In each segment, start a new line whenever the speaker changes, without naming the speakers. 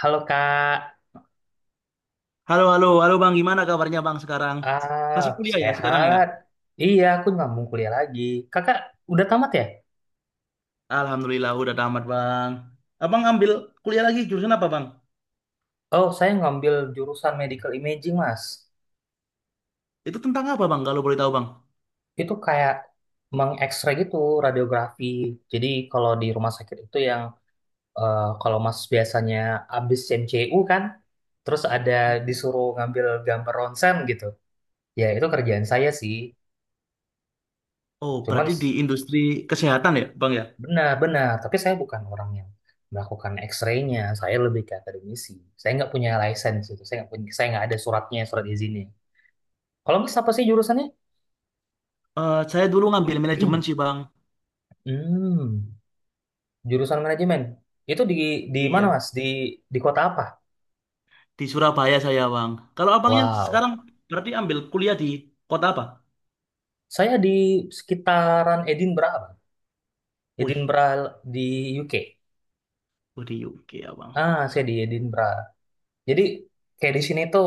Halo Kak,
Halo Bang, gimana kabarnya Bang sekarang?
ah
Masih kuliah ya sekarang ya?
sehat? Iya, aku ngambung kuliah lagi. Kakak udah tamat ya?
Alhamdulillah udah tamat Bang. Abang ambil kuliah lagi jurusan apa Bang?
Oh, saya ngambil jurusan medical imaging, Mas.
Itu tentang apa Bang kalau boleh tahu Bang?
Itu kayak mengekstrak gitu radiografi. Jadi kalau di rumah sakit itu yang kalau Mas biasanya abis MCU kan, terus ada disuruh ngambil gambar ronsen gitu. Ya, itu kerjaan saya sih.
Oh,
Cuman,
berarti di industri kesehatan ya Bang ya?
benar-benar, tapi saya bukan orang yang melakukan X-ray-nya, saya lebih ke akademisi. Saya nggak punya license itu, saya nggak punya, saya nggak ada suratnya, surat izinnya. Kalau Mas apa sih jurusannya?
Saya dulu ngambil manajemen sih Bang.
Hmm, jurusan manajemen. Itu di mana
Iya,
Mas? Di kota apa?
di Surabaya saya Bang. Kalau abangnya
Wow,
sekarang berarti ambil kuliah di kota apa?
saya di sekitaran Edinburgh, Bang.
Wih,
Edinburgh di UK.
oh, di UK ya Bang.
Ah, saya di Edinburgh. Jadi kayak di sini tuh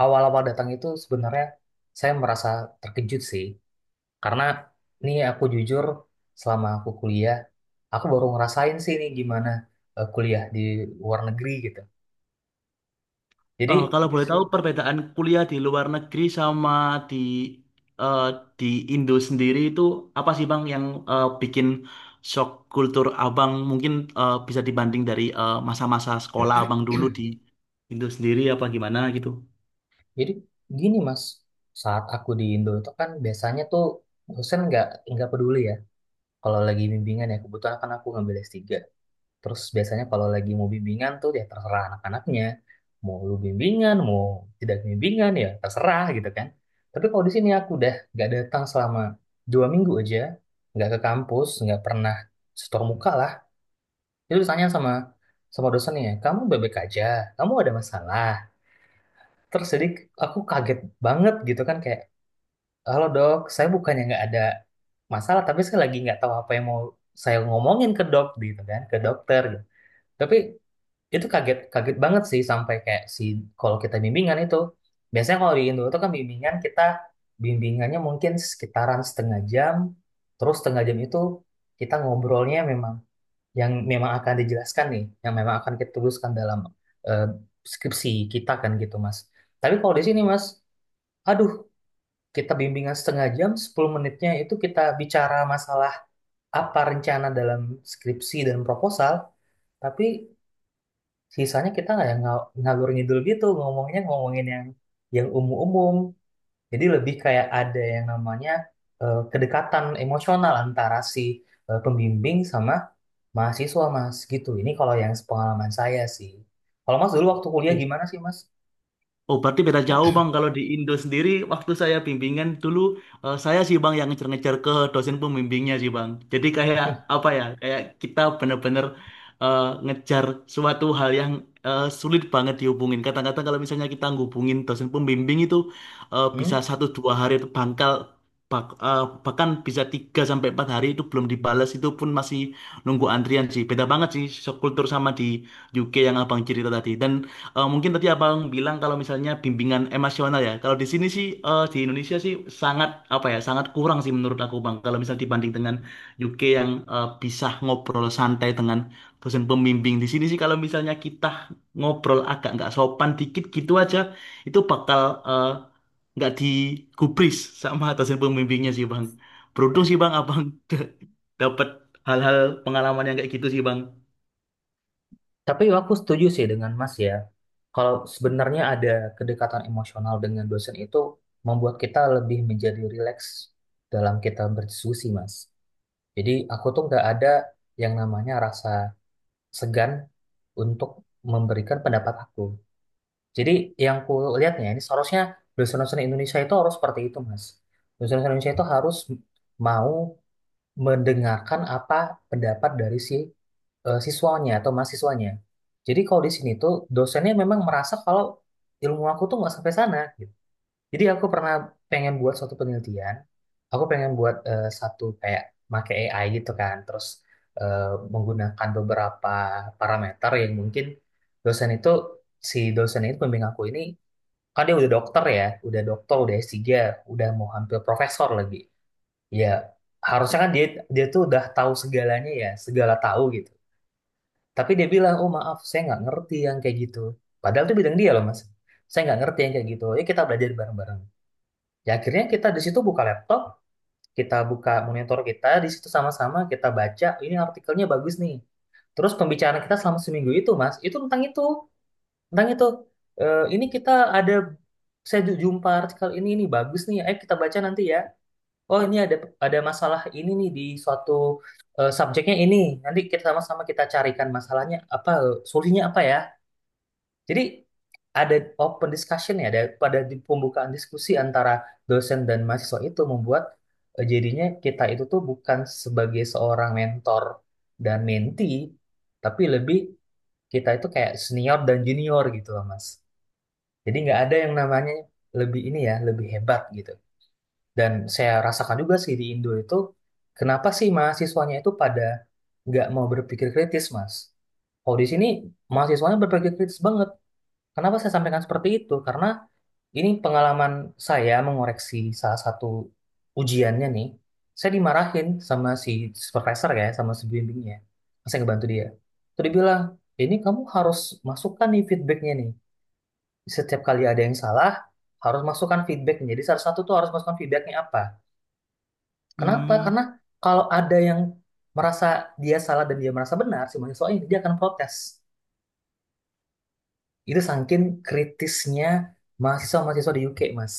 awal-awal datang itu sebenarnya saya merasa terkejut sih. Karena ini aku jujur selama aku kuliah, aku baru ngerasain sih ini gimana kuliah di luar negeri gitu. Jadi
Kalau
di
boleh tahu
si-
perbedaan kuliah di luar negeri sama di eh, di Indo sendiri itu apa sih Bang yang bikin shock kultur Abang mungkin bisa dibanding dari masa-masa sekolah Abang dulu di Indo sendiri apa gimana gitu?
jadi gini Mas, saat aku di Indo itu kan biasanya tuh dosen nggak peduli ya kalau lagi bimbingan, ya kebetulan kan aku ngambil S3. Terus biasanya kalau lagi mau bimbingan tuh ya terserah anak-anaknya. Mau lu bimbingan, mau tidak bimbingan, ya terserah gitu kan. Tapi kalau di sini aku udah nggak datang selama 2 minggu aja, nggak ke kampus, nggak pernah setor muka lah. Itu ditanya sama sama dosennya, kamu bebek aja, kamu ada masalah? Terus jadi aku kaget banget gitu kan kayak, halo dok, saya bukannya nggak ada masalah, tapi saya lagi nggak tahu apa yang mau saya ngomongin ke dok gitu kan, ke dokter gitu. Tapi itu kaget kaget banget sih, sampai kayak si kalau kita bimbingan itu, biasanya kalau di Indo itu kan bimbingan kita, bimbingannya mungkin sekitaran setengah jam. Terus setengah jam itu kita ngobrolnya memang yang memang akan dijelaskan nih, yang memang akan kita tuliskan dalam eh, skripsi kita kan gitu Mas. Tapi kalau di sini Mas, aduh, kita bimbingan setengah jam, 10 menitnya itu kita bicara masalah apa, rencana dalam skripsi dan proposal. Tapi sisanya kita nggak yang ngalur ngidul gitu ngomongnya, ngomongin yang umum-umum. Jadi lebih kayak ada yang namanya kedekatan emosional antara si pembimbing sama mahasiswa Mas gitu. Ini kalau yang pengalaman saya sih. Kalau Mas dulu waktu kuliah gimana sih Mas?
Oh, berarti beda jauh Bang. Kalau di Indo sendiri, waktu saya bimbingan dulu, saya sih Bang yang ngejar-ngejar ke dosen pembimbingnya sih Bang. Jadi kayak apa ya, kayak kita bener-bener ngejar suatu hal yang sulit banget dihubungin. Kadang-kadang kalau misalnya kita ngubungin dosen pembimbing itu bisa
Hmm?
satu dua hari itu bangkal, bak- eh, bahkan bisa tiga sampai empat hari itu belum dibalas, itu pun masih nunggu antrian sih. Beda banget sih kultur sama di UK yang Abang cerita tadi. Mungkin tadi abang bilang kalau misalnya bimbingan emosional ya. Kalau di sini sih di Indonesia sih sangat apa ya sangat kurang sih menurut aku bang. Kalau misalnya dibanding dengan UK yang bisa ngobrol santai dengan dosen pembimbing di sini sih kalau misalnya kita ngobrol agak nggak sopan dikit gitu aja itu bakal eh, nggak digubris sama dosen pembimbingnya sih bang. Beruntung sih bang abang dapat hal-hal pengalaman yang kayak gitu sih bang.
Tapi aku setuju sih dengan Mas ya, kalau sebenarnya ada kedekatan emosional dengan dosen itu membuat kita lebih menjadi rileks dalam kita berdiskusi Mas. Jadi aku tuh nggak ada yang namanya rasa segan untuk memberikan pendapat aku. Jadi yang ku lihatnya ini seharusnya dosen-dosen Indonesia itu harus seperti itu, Mas. Dosen-dosen Indonesia itu harus mau mendengarkan apa pendapat dari si siswanya atau mahasiswanya. Jadi kalau di sini tuh dosennya memang merasa kalau ilmu aku tuh nggak sampai sana gitu. Jadi aku pernah pengen buat suatu penelitian. Aku pengen buat satu kayak make AI gitu kan. Terus eh, menggunakan beberapa parameter yang mungkin dosen itu, si dosen itu pembimbing aku ini, kan dia udah dokter ya, udah dokter, udah S3, udah mau hampir profesor lagi. Ya harusnya kan dia dia tuh udah tahu segalanya ya, segala tahu gitu. Tapi dia bilang, oh maaf, saya nggak ngerti yang kayak gitu. Padahal itu bidang dia loh Mas. Saya nggak ngerti yang kayak gitu. Ya kita belajar bareng-bareng. Ya akhirnya kita di situ buka laptop, kita buka monitor kita, di situ sama-sama kita baca, ini artikelnya bagus nih. Terus pembicaraan kita selama seminggu itu, Mas, itu tentang itu, tentang itu. Ini kita ada, saya jumpa artikel ini nih bagus nih, ayo kita baca nanti ya. Oh, ini ada masalah ini nih di suatu subjeknya ini. Nanti kita sama-sama kita carikan masalahnya apa, solusinya apa ya. Jadi ada open discussion ya, ada pada di pembukaan diskusi antara dosen dan mahasiswa itu membuat jadinya kita itu tuh bukan sebagai seorang mentor dan mentee, tapi lebih kita itu kayak senior dan junior gitu loh Mas. Jadi nggak ada yang namanya lebih ini ya, lebih hebat gitu. Dan saya rasakan juga sih di Indo itu, kenapa sih mahasiswanya itu pada nggak mau berpikir kritis Mas? Kalau di sini mahasiswanya berpikir kritis banget. Kenapa saya sampaikan seperti itu? Karena ini pengalaman saya mengoreksi salah satu ujiannya nih. Saya dimarahin sama si supervisor ya, sama si bimbingnya. Pas saya ngebantu dia. Terus dia bilang, ini kamu harus masukkan nih feedbacknya nih. Setiap kali ada yang salah, harus masukkan feedbacknya. Jadi salah satu tuh harus masukkan feedbacknya apa. Kenapa?
Hmm.
Karena kalau ada yang merasa dia salah dan dia merasa benar, si mahasiswa ini, dia akan protes. Itu saking kritisnya mahasiswa-mahasiswa di UK, Mas.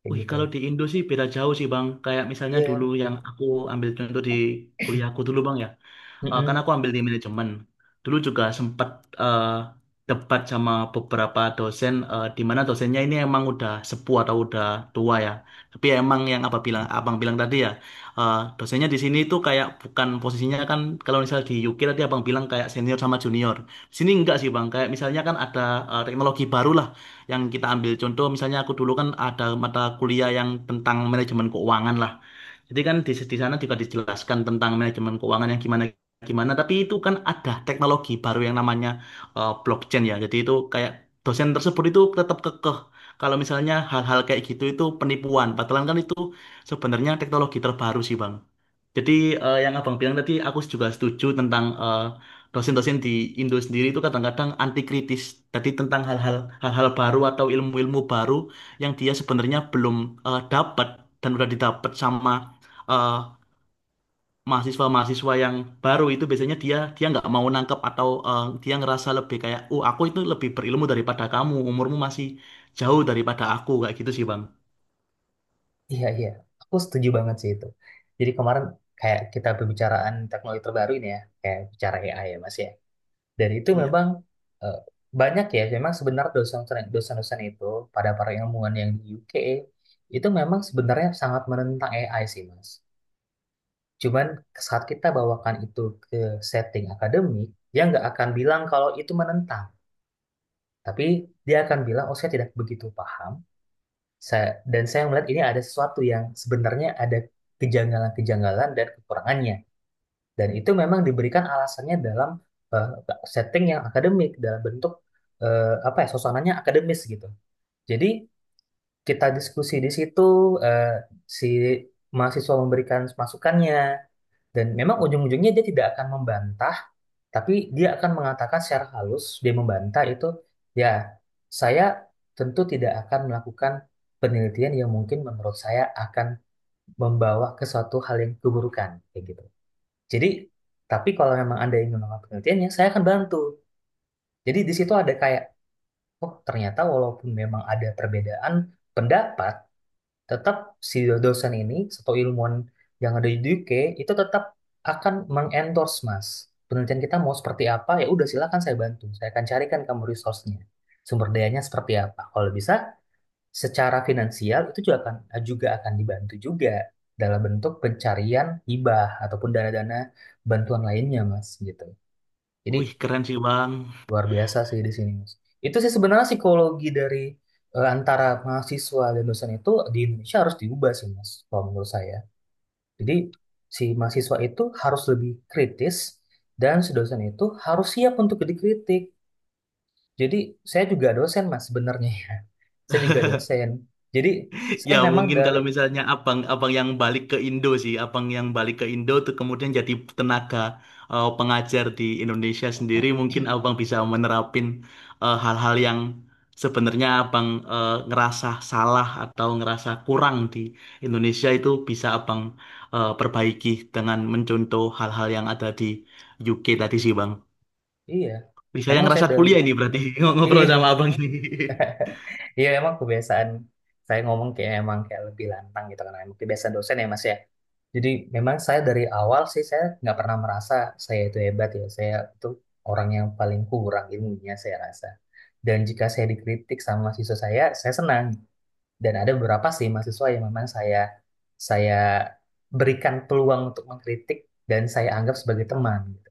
Kayak
Wih,
gitu.
kalau di Indo sih beda jauh sih Bang. Kayak misalnya dulu
Iya,
yang aku ambil contoh di kuliahku dulu Bang ya kan
mm-mm.
aku ambil di manajemen. Dulu juga sempat eh, debat sama beberapa dosen, eh, di mana dosennya ini emang udah sepuh atau udah tua ya. Tapi ya emang yang apa bilang, abang bilang tadi ya, dosennya di sini itu kayak bukan posisinya kan kalau misal di UK tadi abang bilang kayak senior sama junior. Di sini enggak sih bang, kayak misalnya kan ada teknologi baru lah yang kita ambil contoh. Misalnya aku dulu kan ada mata kuliah yang tentang manajemen keuangan lah. Jadi kan di sana juga dijelaskan tentang manajemen keuangan yang gimana gimana. Tapi itu kan ada teknologi baru yang namanya blockchain ya. Jadi itu kayak dosen tersebut itu tetap kekeh. Kalau misalnya hal-hal kayak gitu itu penipuan. Padahal kan itu sebenarnya teknologi terbaru sih Bang. Jadi yang abang bilang tadi aku juga setuju tentang dosen-dosen di Indo sendiri itu kadang-kadang anti kritis tadi tentang hal-hal baru atau ilmu-ilmu baru yang dia sebenarnya belum dapat dan udah didapat sama eh, mahasiswa-mahasiswa yang baru itu biasanya dia dia nggak mau nangkep atau eh, dia ngerasa lebih kayak, oh aku itu lebih berilmu daripada kamu, umurmu masih jauh daripada aku kayak gitu sih bang.
Iya, iya. Aku setuju banget sih itu. Jadi kemarin kayak kita pembicaraan teknologi terbaru ini ya, kayak bicara AI ya Mas ya. Dan itu
Iya.
memang eh, banyak ya, memang sebenarnya dosen-dosen itu pada para ilmuwan yang di UK itu memang sebenarnya sangat menentang AI sih Mas. Cuman saat kita bawakan itu ke setting akademik, dia nggak akan bilang kalau itu menentang. Tapi dia akan bilang, oh saya tidak begitu paham, saya, dan saya melihat ini ada sesuatu yang sebenarnya ada kejanggalan-kejanggalan dan kekurangannya. Dan itu memang diberikan alasannya dalam eh, setting yang akademik, dalam bentuk apa ya, suasananya akademis gitu. Jadi kita diskusi di situ, eh, si mahasiswa memberikan masukannya, dan memang ujung-ujungnya dia tidak akan membantah, tapi dia akan mengatakan secara halus, dia membantah itu, ya, saya tentu tidak akan melakukan penelitian yang mungkin menurut saya akan membawa ke suatu hal yang keburukan, kayak gitu. Jadi, tapi kalau memang Anda ingin melakukan penelitiannya, saya akan bantu. Jadi di situ ada kayak, oh ternyata walaupun memang ada perbedaan pendapat, tetap si dosen ini atau ilmuwan yang ada di UK itu tetap akan mengendorse Mas penelitian kita mau seperti apa, ya udah silakan, saya bantu, saya akan carikan kamu resource-nya, sumber dayanya seperti apa, kalau bisa secara finansial itu juga akan dibantu juga dalam bentuk pencarian hibah ataupun dana-dana bantuan lainnya Mas gitu. Jadi
Wih keren sih bang.
luar biasa sih di sini, Mas. Itu sih sebenarnya psikologi dari antara mahasiswa dan dosen itu di Indonesia harus diubah sih, Mas, kalau menurut saya. Jadi si mahasiswa itu harus lebih kritis dan si dosen itu harus siap untuk dikritik. Jadi saya juga dosen, Mas, sebenarnya ya. Saya juga dosen. Jadi
Ya
saya memang
mungkin
dari,
kalau misalnya abang abang yang balik ke Indo sih, abang yang balik ke Indo tuh kemudian jadi tenaga pengajar di Indonesia sendiri, mungkin abang bisa menerapin hal-hal yang sebenarnya abang ngerasa salah atau ngerasa kurang di Indonesia itu bisa abang perbaiki dengan mencontoh hal-hal yang ada di UK tadi sih bang.
iya,
Bisa yang
memang saya
ngerasa
dari,
kuliah ini berarti ngobrol
iya,
sama abang ini.
iya emang kebiasaan saya ngomong kayak emang kayak lebih lantang gitu karena emang kebiasaan dosen ya Mas ya. Jadi memang saya dari awal sih saya nggak pernah merasa saya itu hebat ya. Saya itu orang yang paling kurang ilmunya saya rasa. Dan jika saya dikritik sama mahasiswa saya senang. Dan ada beberapa sih mahasiswa yang memang saya berikan peluang untuk mengkritik dan saya anggap sebagai teman gitu.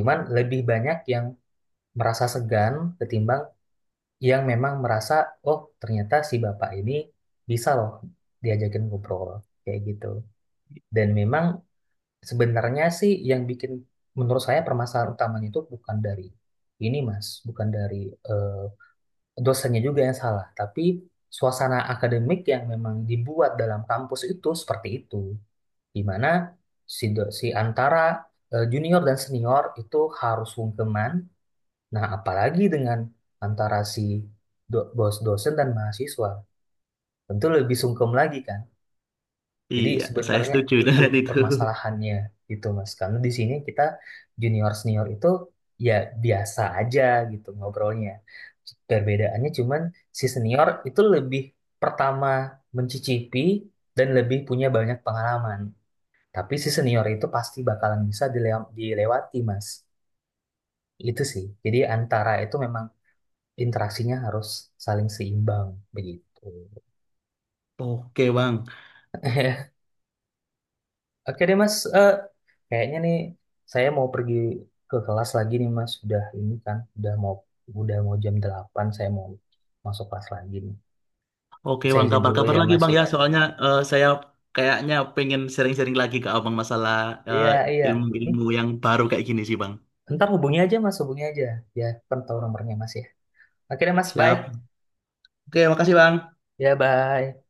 Cuman lebih banyak yang merasa segan ketimbang yang memang merasa, oh ternyata si bapak ini bisa loh diajakin ngobrol kayak gitu. Dan memang sebenarnya sih yang bikin menurut saya permasalahan utamanya itu bukan dari ini Mas, bukan dari eh, dosennya juga yang salah, tapi suasana akademik yang memang dibuat dalam kampus itu seperti itu, di mana si si antara junior dan senior itu harus sungkeman. Nah, apalagi dengan antara si bos dosen dan mahasiswa, tentu lebih sungkem lagi kan. Jadi
Iya, saya
sebenarnya
setuju
itu
dengan itu.
permasalahannya gitu Mas. Karena di sini kita junior senior itu ya biasa aja gitu ngobrolnya. Perbedaannya cuman si senior itu lebih pertama mencicipi dan lebih punya banyak pengalaman. Tapi si senior itu pasti bakalan bisa dilewati Mas. Itu sih. Jadi antara itu memang interaksinya harus saling seimbang begitu.
Oke, Bang.
Oke deh Mas. Kayaknya nih saya mau pergi ke kelas lagi nih Mas. Udah ini kan, udah mau jam 8 saya mau masuk kelas lagi nih.
Oke
Saya
Bang,
izin dulu
kabar-kabar
ya
lagi
Mas
Bang ya.
ya.
Soalnya saya kayaknya pengen sering-sering lagi ke Abang masalah eh,
Iya, iya. Hmm,
ilmu-ilmu yang baru kayak gini sih Bang.
ntar hubungi aja Mas, hubungi aja. Ya, kan tahu nomornya Mas ya. Oke deh Mas, bye.
Siap. Oke, makasih Bang.
Ya, bye.